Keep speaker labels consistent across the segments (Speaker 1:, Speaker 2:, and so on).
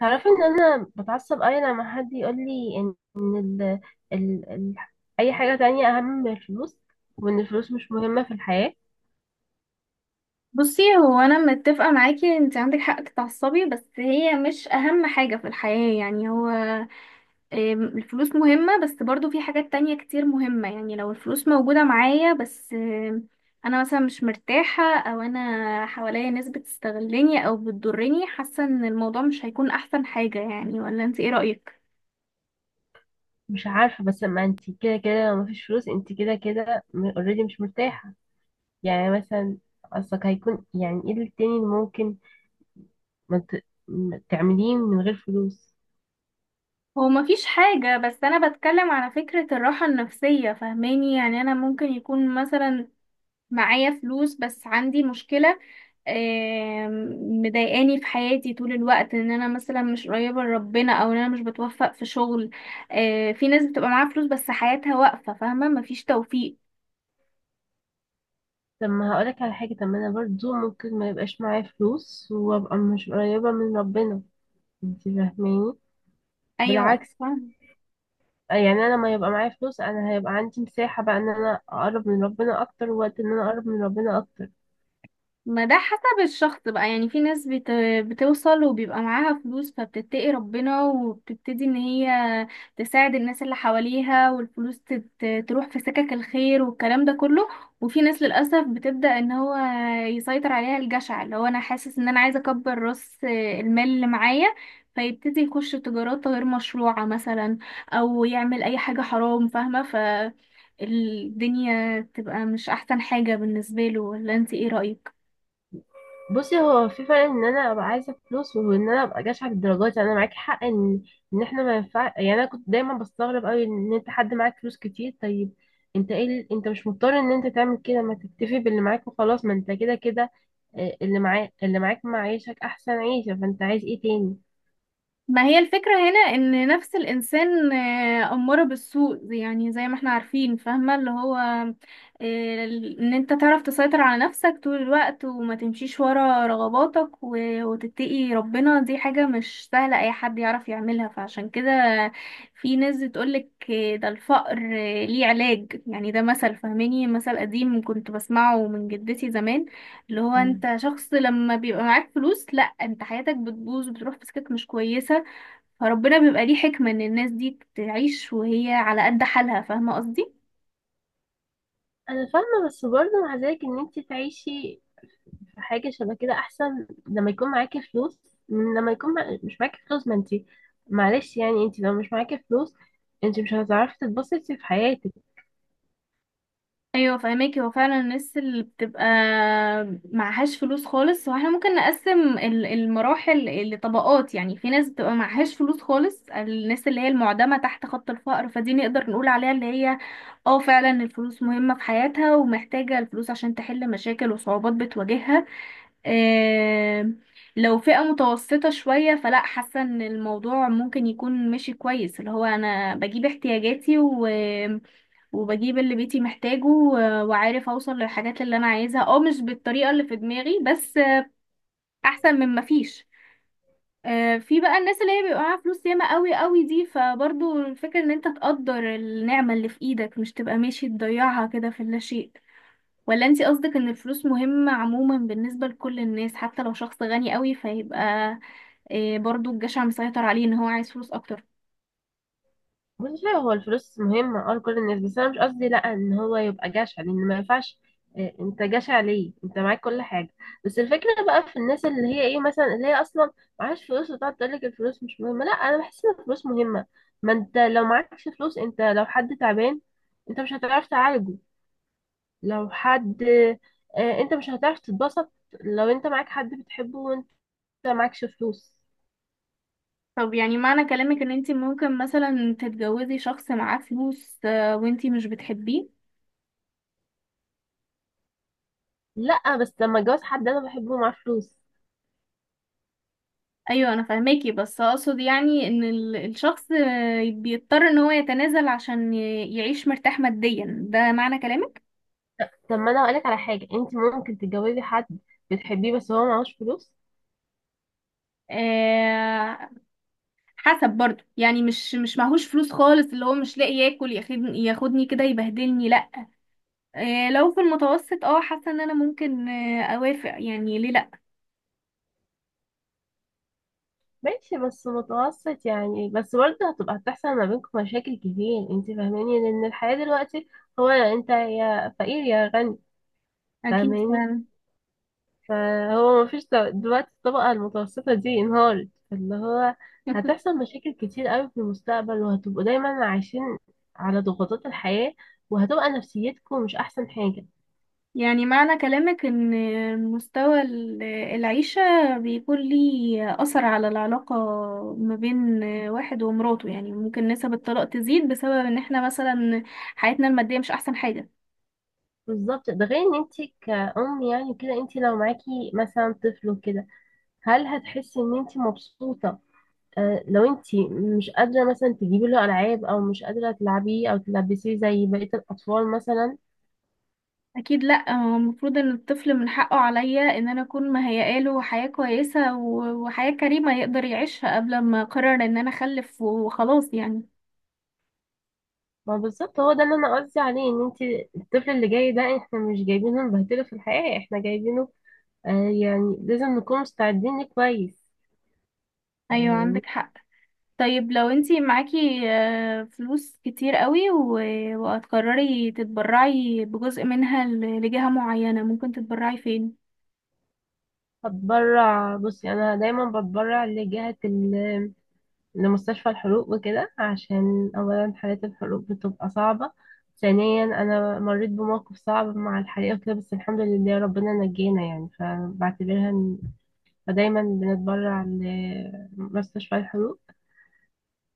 Speaker 1: تعرفي ان انا بتعصب قوي لما حد يقول لي ان إن ال... ال... ال... اي حاجه تانية اهم من الفلوس، وان الفلوس مش مهمه في الحياه.
Speaker 2: بصي، هو انا متفقه معاكي، انت عندك حق تتعصبي، بس هي مش اهم حاجه في الحياه. يعني هو الفلوس مهمه، بس برضو في حاجات تانية كتير مهمه. يعني لو الفلوس موجوده معايا، بس انا مثلا مش مرتاحه، او انا حواليا ناس بتستغلني او بتضرني، حاسه ان الموضوع مش هيكون احسن حاجه. يعني ولا انت ايه رايك؟
Speaker 1: مش عارفه، بس ما انت كده كده لو مفيش فلوس انت كده كده اوريدي مش مرتاحه. يعني مثلا قصدك هيكون يعني ايه التاني اللي ممكن ما تعمليه من غير فلوس؟
Speaker 2: هو مفيش حاجة، بس أنا بتكلم على فكرة الراحة النفسية، فاهماني؟ يعني أنا ممكن يكون مثلا معايا فلوس بس عندي مشكلة مضايقاني في حياتي طول الوقت، ان انا مثلا مش قريبة لربنا، او ان انا مش بتوفق في شغل. في ناس بتبقى معاها فلوس، بس حياتها واقفة، فاهمة؟ مفيش توفيق.
Speaker 1: طب ما هقولك على حاجه، طب ما انا برضو ممكن ما يبقاش معايا فلوس وابقى مش قريبه من ربنا. انت فاهماني؟
Speaker 2: ايوه،
Speaker 1: بالعكس،
Speaker 2: فاهمة.
Speaker 1: يعني انا لما يبقى معايا فلوس انا هيبقى عندي مساحة بقى ان انا اقرب من ربنا اكتر، ووقت ان انا اقرب من ربنا اكتر.
Speaker 2: ما ده حسب الشخص بقى. يعني في ناس بتوصل وبيبقى معاها فلوس، فبتتقي ربنا وبتبتدي ان هي تساعد الناس اللي حواليها، والفلوس تروح في سكك الخير والكلام ده كله. وفي ناس للأسف بتبدأ ان هو يسيطر عليها الجشع، اللي هو انا حاسس ان انا عايزة اكبر راس المال اللي معايا، فيبتدي يخش تجارات غير مشروعة مثلا، او يعمل اي حاجة حرام، فاهمة؟ ف الدنيا تبقى مش احسن حاجة بالنسبة له. ولا انت ايه رأيك؟
Speaker 1: بصي، هو في فرق ان انا ابقى عايزة فلوس وان انا ابقى جشعة بالدرجات. يعني انا معاكي حق ان احنا ما ينفع. يعني انا كنت دايما بستغرب قوي ان انت حد معاك فلوس كتير، طيب انت ايه انت مش مضطر ان انت تعمل كده، ما تكتفي باللي معاك وخلاص، ما انت كده كده اللي معاك معيشك احسن عيشة، فانت عايز ايه تاني؟
Speaker 2: ما هي الفكرة هنا ان نفس الانسان اماره بالسوء، يعني زي ما احنا عارفين، فاهمة؟ اللي هو آه، ان انت تعرف تسيطر على نفسك طول الوقت، وما تمشيش ورا رغباتك، وتتقي ربنا. دي حاجة مش سهلة اي حد يعرف يعملها. فعشان كده في ناس بتقولك ده الفقر ليه علاج. يعني ده مثل، فاهماني؟ مثل قديم كنت بسمعه من جدتي زمان، اللي هو
Speaker 1: مم.
Speaker 2: انت شخص لما بيبقى معاك فلوس، لا، انت حياتك بتبوظ وبتروح في سكك مش كويسة. فربنا بيبقى ليه حكمة ان الناس دي تعيش وهي على قد حالها. فاهمة قصدي؟
Speaker 1: انا فاهمه، بس برضه مع ذلك ان انت تعيشي حاجة شبه كده أحسن لما يكون معاكي فلوس من لما يكون مش معاكي فلوس. ما انتي معلش، يعني انتي لو مش معاكي فلوس انتي مش هتعرفي تتبسطي في حياتك.
Speaker 2: ايوه، فاهماكي. هو فعلا الناس اللي بتبقى معهاش فلوس خالص، واحنا ممكن نقسم المراحل لطبقات. يعني في ناس بتبقى معهاش فلوس خالص، الناس اللي هي المعدمة تحت خط الفقر، فدي نقدر نقول عليها اللي هي اه، فعلا الفلوس مهمة في حياتها، ومحتاجة الفلوس عشان تحل مشاكل وصعوبات بتواجهها. آم، لو فئة متوسطة شوية، فلا، حاسة ان الموضوع ممكن يكون ماشي كويس. اللي هو انا بجيب احتياجاتي وبجيب اللي بيتي محتاجه، وعارف اوصل للحاجات اللي انا عايزها، اه مش بالطريقة اللي في دماغي، بس احسن من مفيش. في بقى الناس اللي هي بيبقى معاها فلوس ياما قوي قوي، دي فبرضو الفكرة ان انت تقدر النعمة اللي في ايدك، مش تبقى ماشي تضيعها كده في اللاشيء. ولا انتي قصدك ان الفلوس مهمة عموما بالنسبة لكل الناس، حتى لو شخص غني قوي، فيبقى برضو الجشع مسيطر عليه، ان هو عايز فلوس اكتر؟
Speaker 1: مش عارفة، هو الفلوس مهمة لكل الناس، بس أنا مش قصدي لأ إن هو يبقى جشع، لأن ما ينفعش اه، انت جشع ليه؟ انت معاك كل حاجة. بس الفكرة بقى في الناس اللي هي ايه مثلا، اللي هي أصلا معهاش فلوس وتقعد تقولك الفلوس مش مهمة. لأ، أنا بحس إن الفلوس مهمة. ما انت لو معكش فلوس، انت لو حد تعبان انت مش هتعرف تعالجه. لو حد انت مش هتعرف تتبسط. لو انت معاك حد بتحبه وانت معكش فلوس.
Speaker 2: طب يعني معنى كلامك ان انتي ممكن مثلا تتجوزي شخص معاه فلوس، وانتي مش بتحبيه؟
Speaker 1: لا، بس لما اتجوز حد انا بحبه معاه فلوس.
Speaker 2: ايوه انا فاهماكي، بس اقصد يعني ان الشخص بيضطر ان هو يتنازل عشان يعيش مرتاح ماديا. ده معنى كلامك؟
Speaker 1: طب ما انا هقولك على حاجه، انت ممكن تتجوزي حد بتحبيه بس هو معهوش فلوس.
Speaker 2: آه، حسب برضو. يعني مش معهوش فلوس خالص اللي هو مش لاقي ياكل، ياخدني كده يبهدلني، لا. لو في المتوسط، اه، حاسه ان انا ممكن اوافق. يعني ليه لا؟
Speaker 1: ماشي، بس متوسط يعني، بس برضه هتبقى هتحصل ما بينكم مشاكل كتير. انت فاهماني؟ لان الحياه دلوقتي هو انت يا فقير يا غني.
Speaker 2: اكيد،
Speaker 1: فاهماني؟
Speaker 2: فعلا.
Speaker 1: فهو مفيش دلوقتي الطبقة المتوسطة دي انهارت، فاللي هو هتحصل مشاكل كتير قوي في المستقبل، وهتبقوا دايما عايشين على ضغوطات الحياة، وهتبقى نفسيتكم مش أحسن حاجة.
Speaker 2: يعني معنى كلامك ان مستوى العيشه بيكون ليه اثر على العلاقه ما بين واحد ومراته؟ يعني ممكن نسب الطلاق تزيد بسبب ان احنا مثلا حياتنا الماديه مش احسن حاجه.
Speaker 1: بالظبط. ده غير ان انت كأم يعني كده، انت لو معاكي مثلا طفل وكده هل هتحسي ان انت مبسوطة لو انت مش قادرة مثلا تجيبي له ألعاب، أو مش قادرة تلعبيه أو تلبسيه زي بقية الأطفال مثلا؟
Speaker 2: اكيد، لا، هو المفروض ان الطفل من حقه عليا ان انا اكون مهيئه له حياه كويسه وحياه كريمه يقدر يعيشها، قبل ما اقرر ان انا اخلف وخلاص يعني.
Speaker 1: ما بالظبط، هو ده اللي انا قصدي عليه. ان انت الطفل اللي جاي ده احنا مش جايبينه نبهدله في الحياة، احنا جايبينه آه يعني لازم نكون مستعدين ليه كويس
Speaker 2: ايوه،
Speaker 1: يعني.
Speaker 2: عندك حق. طيب لو انتي معاكي فلوس كتير قوي وهتقرري تتبرعي بجزء منها لجهة معينة، ممكن تتبرعي فين؟
Speaker 1: هتبرع، بصي انا دايما بتبرع لجهة لمستشفى الحروق وكده، عشان اولا حالات الحروق بتبقى صعبة، ثانيا انا مريت بموقف صعب مع الحريقة وكده، بس الحمد لله ربنا نجينا يعني، فبعتبرها فدايما بنتبرع لمستشفى الحروق.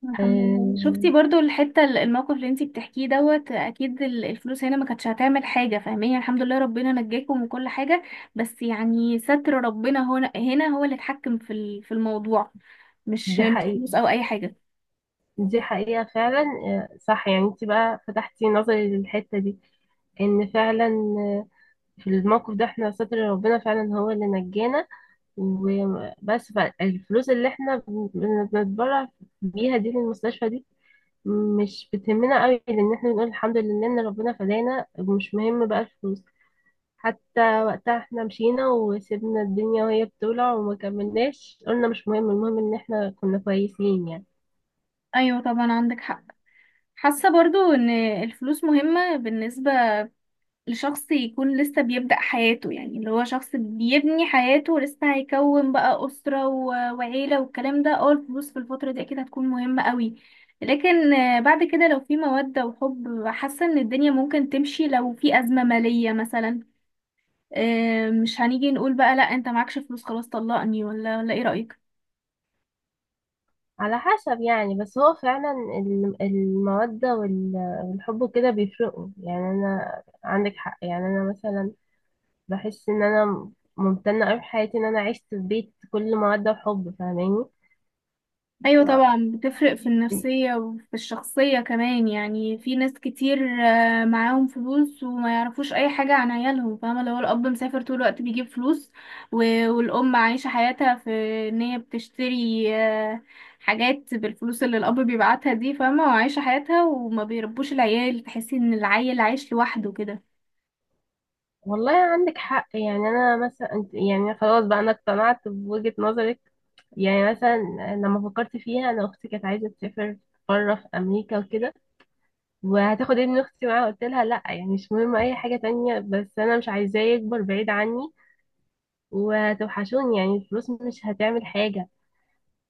Speaker 2: الحمد لله. شفتي
Speaker 1: آه،
Speaker 2: برضو الحتة الموقف اللي انتي بتحكيه دوت، اكيد الفلوس هنا ما كانتش هتعمل حاجة، فاهمين؟ الحمد لله، ربنا نجاكم من كل حاجة. بس يعني ستر ربنا هنا هو اللي اتحكم في في الموضوع، مش
Speaker 1: دي
Speaker 2: مش فلوس
Speaker 1: حقيقة.
Speaker 2: او اي حاجة.
Speaker 1: دي حقيقة فعلا، صح. يعني انت بقى فتحتي نظري للحتة دي ان فعلا آه، في الموقف ده احنا ستر ربنا فعلا هو اللي نجانا وبس. الفلوس اللي احنا بنتبرع بيها دي للمستشفى دي مش بتهمنا قوي، لان احنا بنقول الحمد لله ان ربنا فدانا ومش مهم بقى الفلوس. حتى وقتها احنا مشينا وسيبنا الدنيا وهي بتولع وما كملناش، قلنا مش مهم، المهم ان احنا كنا كويسين يعني.
Speaker 2: ايوه طبعا، عندك حق. حاسة برضو ان الفلوس مهمة بالنسبة لشخص يكون لسه بيبدأ حياته. يعني اللي هو شخص بيبني حياته لسه، هيكون بقى أسرة وعيلة والكلام ده، اه الفلوس في الفترة دي أكيد هتكون مهمة قوي. لكن بعد كده لو في مودة وحب، حاسة إن الدنيا ممكن تمشي لو في أزمة مالية مثلا. مش هنيجي نقول بقى لأ، أنت معكش فلوس، خلاص طلقني. ولا إيه رأيك؟
Speaker 1: على حسب يعني، بس هو فعلا المودة والحب وكده بيفرقوا يعني. أنا عندك حق، يعني أنا مثلا بحس إن أنا ممتنة أوي في حياتي إن أنا عشت في بيت كل مودة وحب. فاهماني؟
Speaker 2: ايوه طبعا، بتفرق في النفسية وفي الشخصية كمان. يعني في ناس كتير معاهم فلوس وما يعرفوش اي حاجة عن عيالهم، فاهمة؟ لو الاب مسافر طول الوقت بيجيب فلوس، والام عايشة حياتها في ان هي بتشتري حاجات بالفلوس اللي الاب بيبعتها دي، فاهمة؟ وعايشة حياتها وما بيربوش العيال، تحسي ان العيل عايش لوحده كده.
Speaker 1: والله عندك حق، يعني أنا مثلا، يعني خلاص بقى أنا اقتنعت بوجهة نظرك. يعني مثلا لما فكرت فيها، أنا أختي كانت عايزة تسافر بره في أمريكا وكده، وهتاخد ابن أختي معاها، قلت لها لأ، يعني مش مهم أي حاجة تانية بس أنا مش عايزاه يكبر بعيد عني وهتوحشوني، يعني الفلوس مش هتعمل حاجة.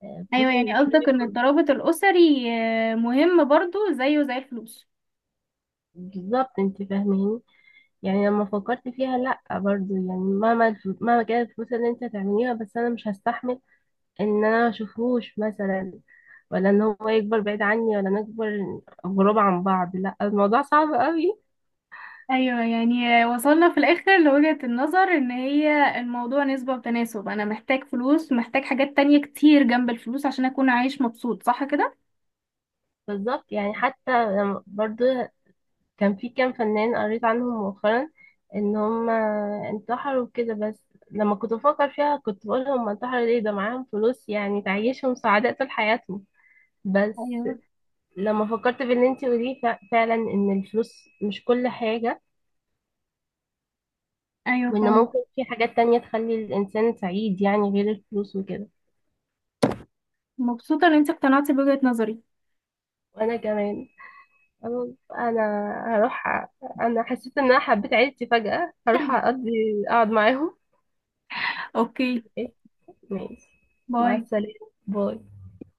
Speaker 1: الفلوس
Speaker 2: ايوه، يعني
Speaker 1: مش
Speaker 2: قصدك ان
Speaker 1: مهم.
Speaker 2: الترابط الاسري مهم برضو زيه زي الفلوس.
Speaker 1: بالظبط، انت فاهماني؟ يعني لما فكرت فيها لا، برضو يعني مهما مهما كانت الفلوس اللي انت هتعمليها بس انا مش هستحمل ان انا ما اشوفهوش مثلا، ولا ان هو يكبر بعيد عني، ولا نكبر غراب عن بعض. لا، الموضوع صعب قوي.
Speaker 2: ايوه، يعني وصلنا في الاخر لوجهة النظر ان هي الموضوع نسبة وتناسب. انا محتاج فلوس، محتاج حاجات تانية كتير جنب الفلوس عشان اكون عايش مبسوط. صح كده؟
Speaker 1: بالظبط، يعني حتى برضو كان في كام فنان قريت عنهم مؤخرا ان هم انتحروا كده. بس لما كنت بفكر فيها كنت بقول هم انتحروا ليه، ده معاهم فلوس يعني تعيشهم سعداء طول حياتهم. بس
Speaker 2: ايوه.
Speaker 1: لما فكرت باللي انتي قوليه فعلا ان الفلوس مش كل حاجة،
Speaker 2: ايوه
Speaker 1: وان
Speaker 2: فعلا.
Speaker 1: ممكن في حاجات تانية تخلي الانسان سعيد يعني غير الفلوس وكده.
Speaker 2: مبسوطة ان انت اقتنعتي بوجهة نظري.
Speaker 1: وانا كمان انا أنا هروح انا حسيت ان انا حبيت عيلتي فجأة، هروح اقضي اقعد معاهم.
Speaker 2: اوكي،
Speaker 1: إيه؟ ماشي.
Speaker 2: باي.
Speaker 1: مع السلامة. باي.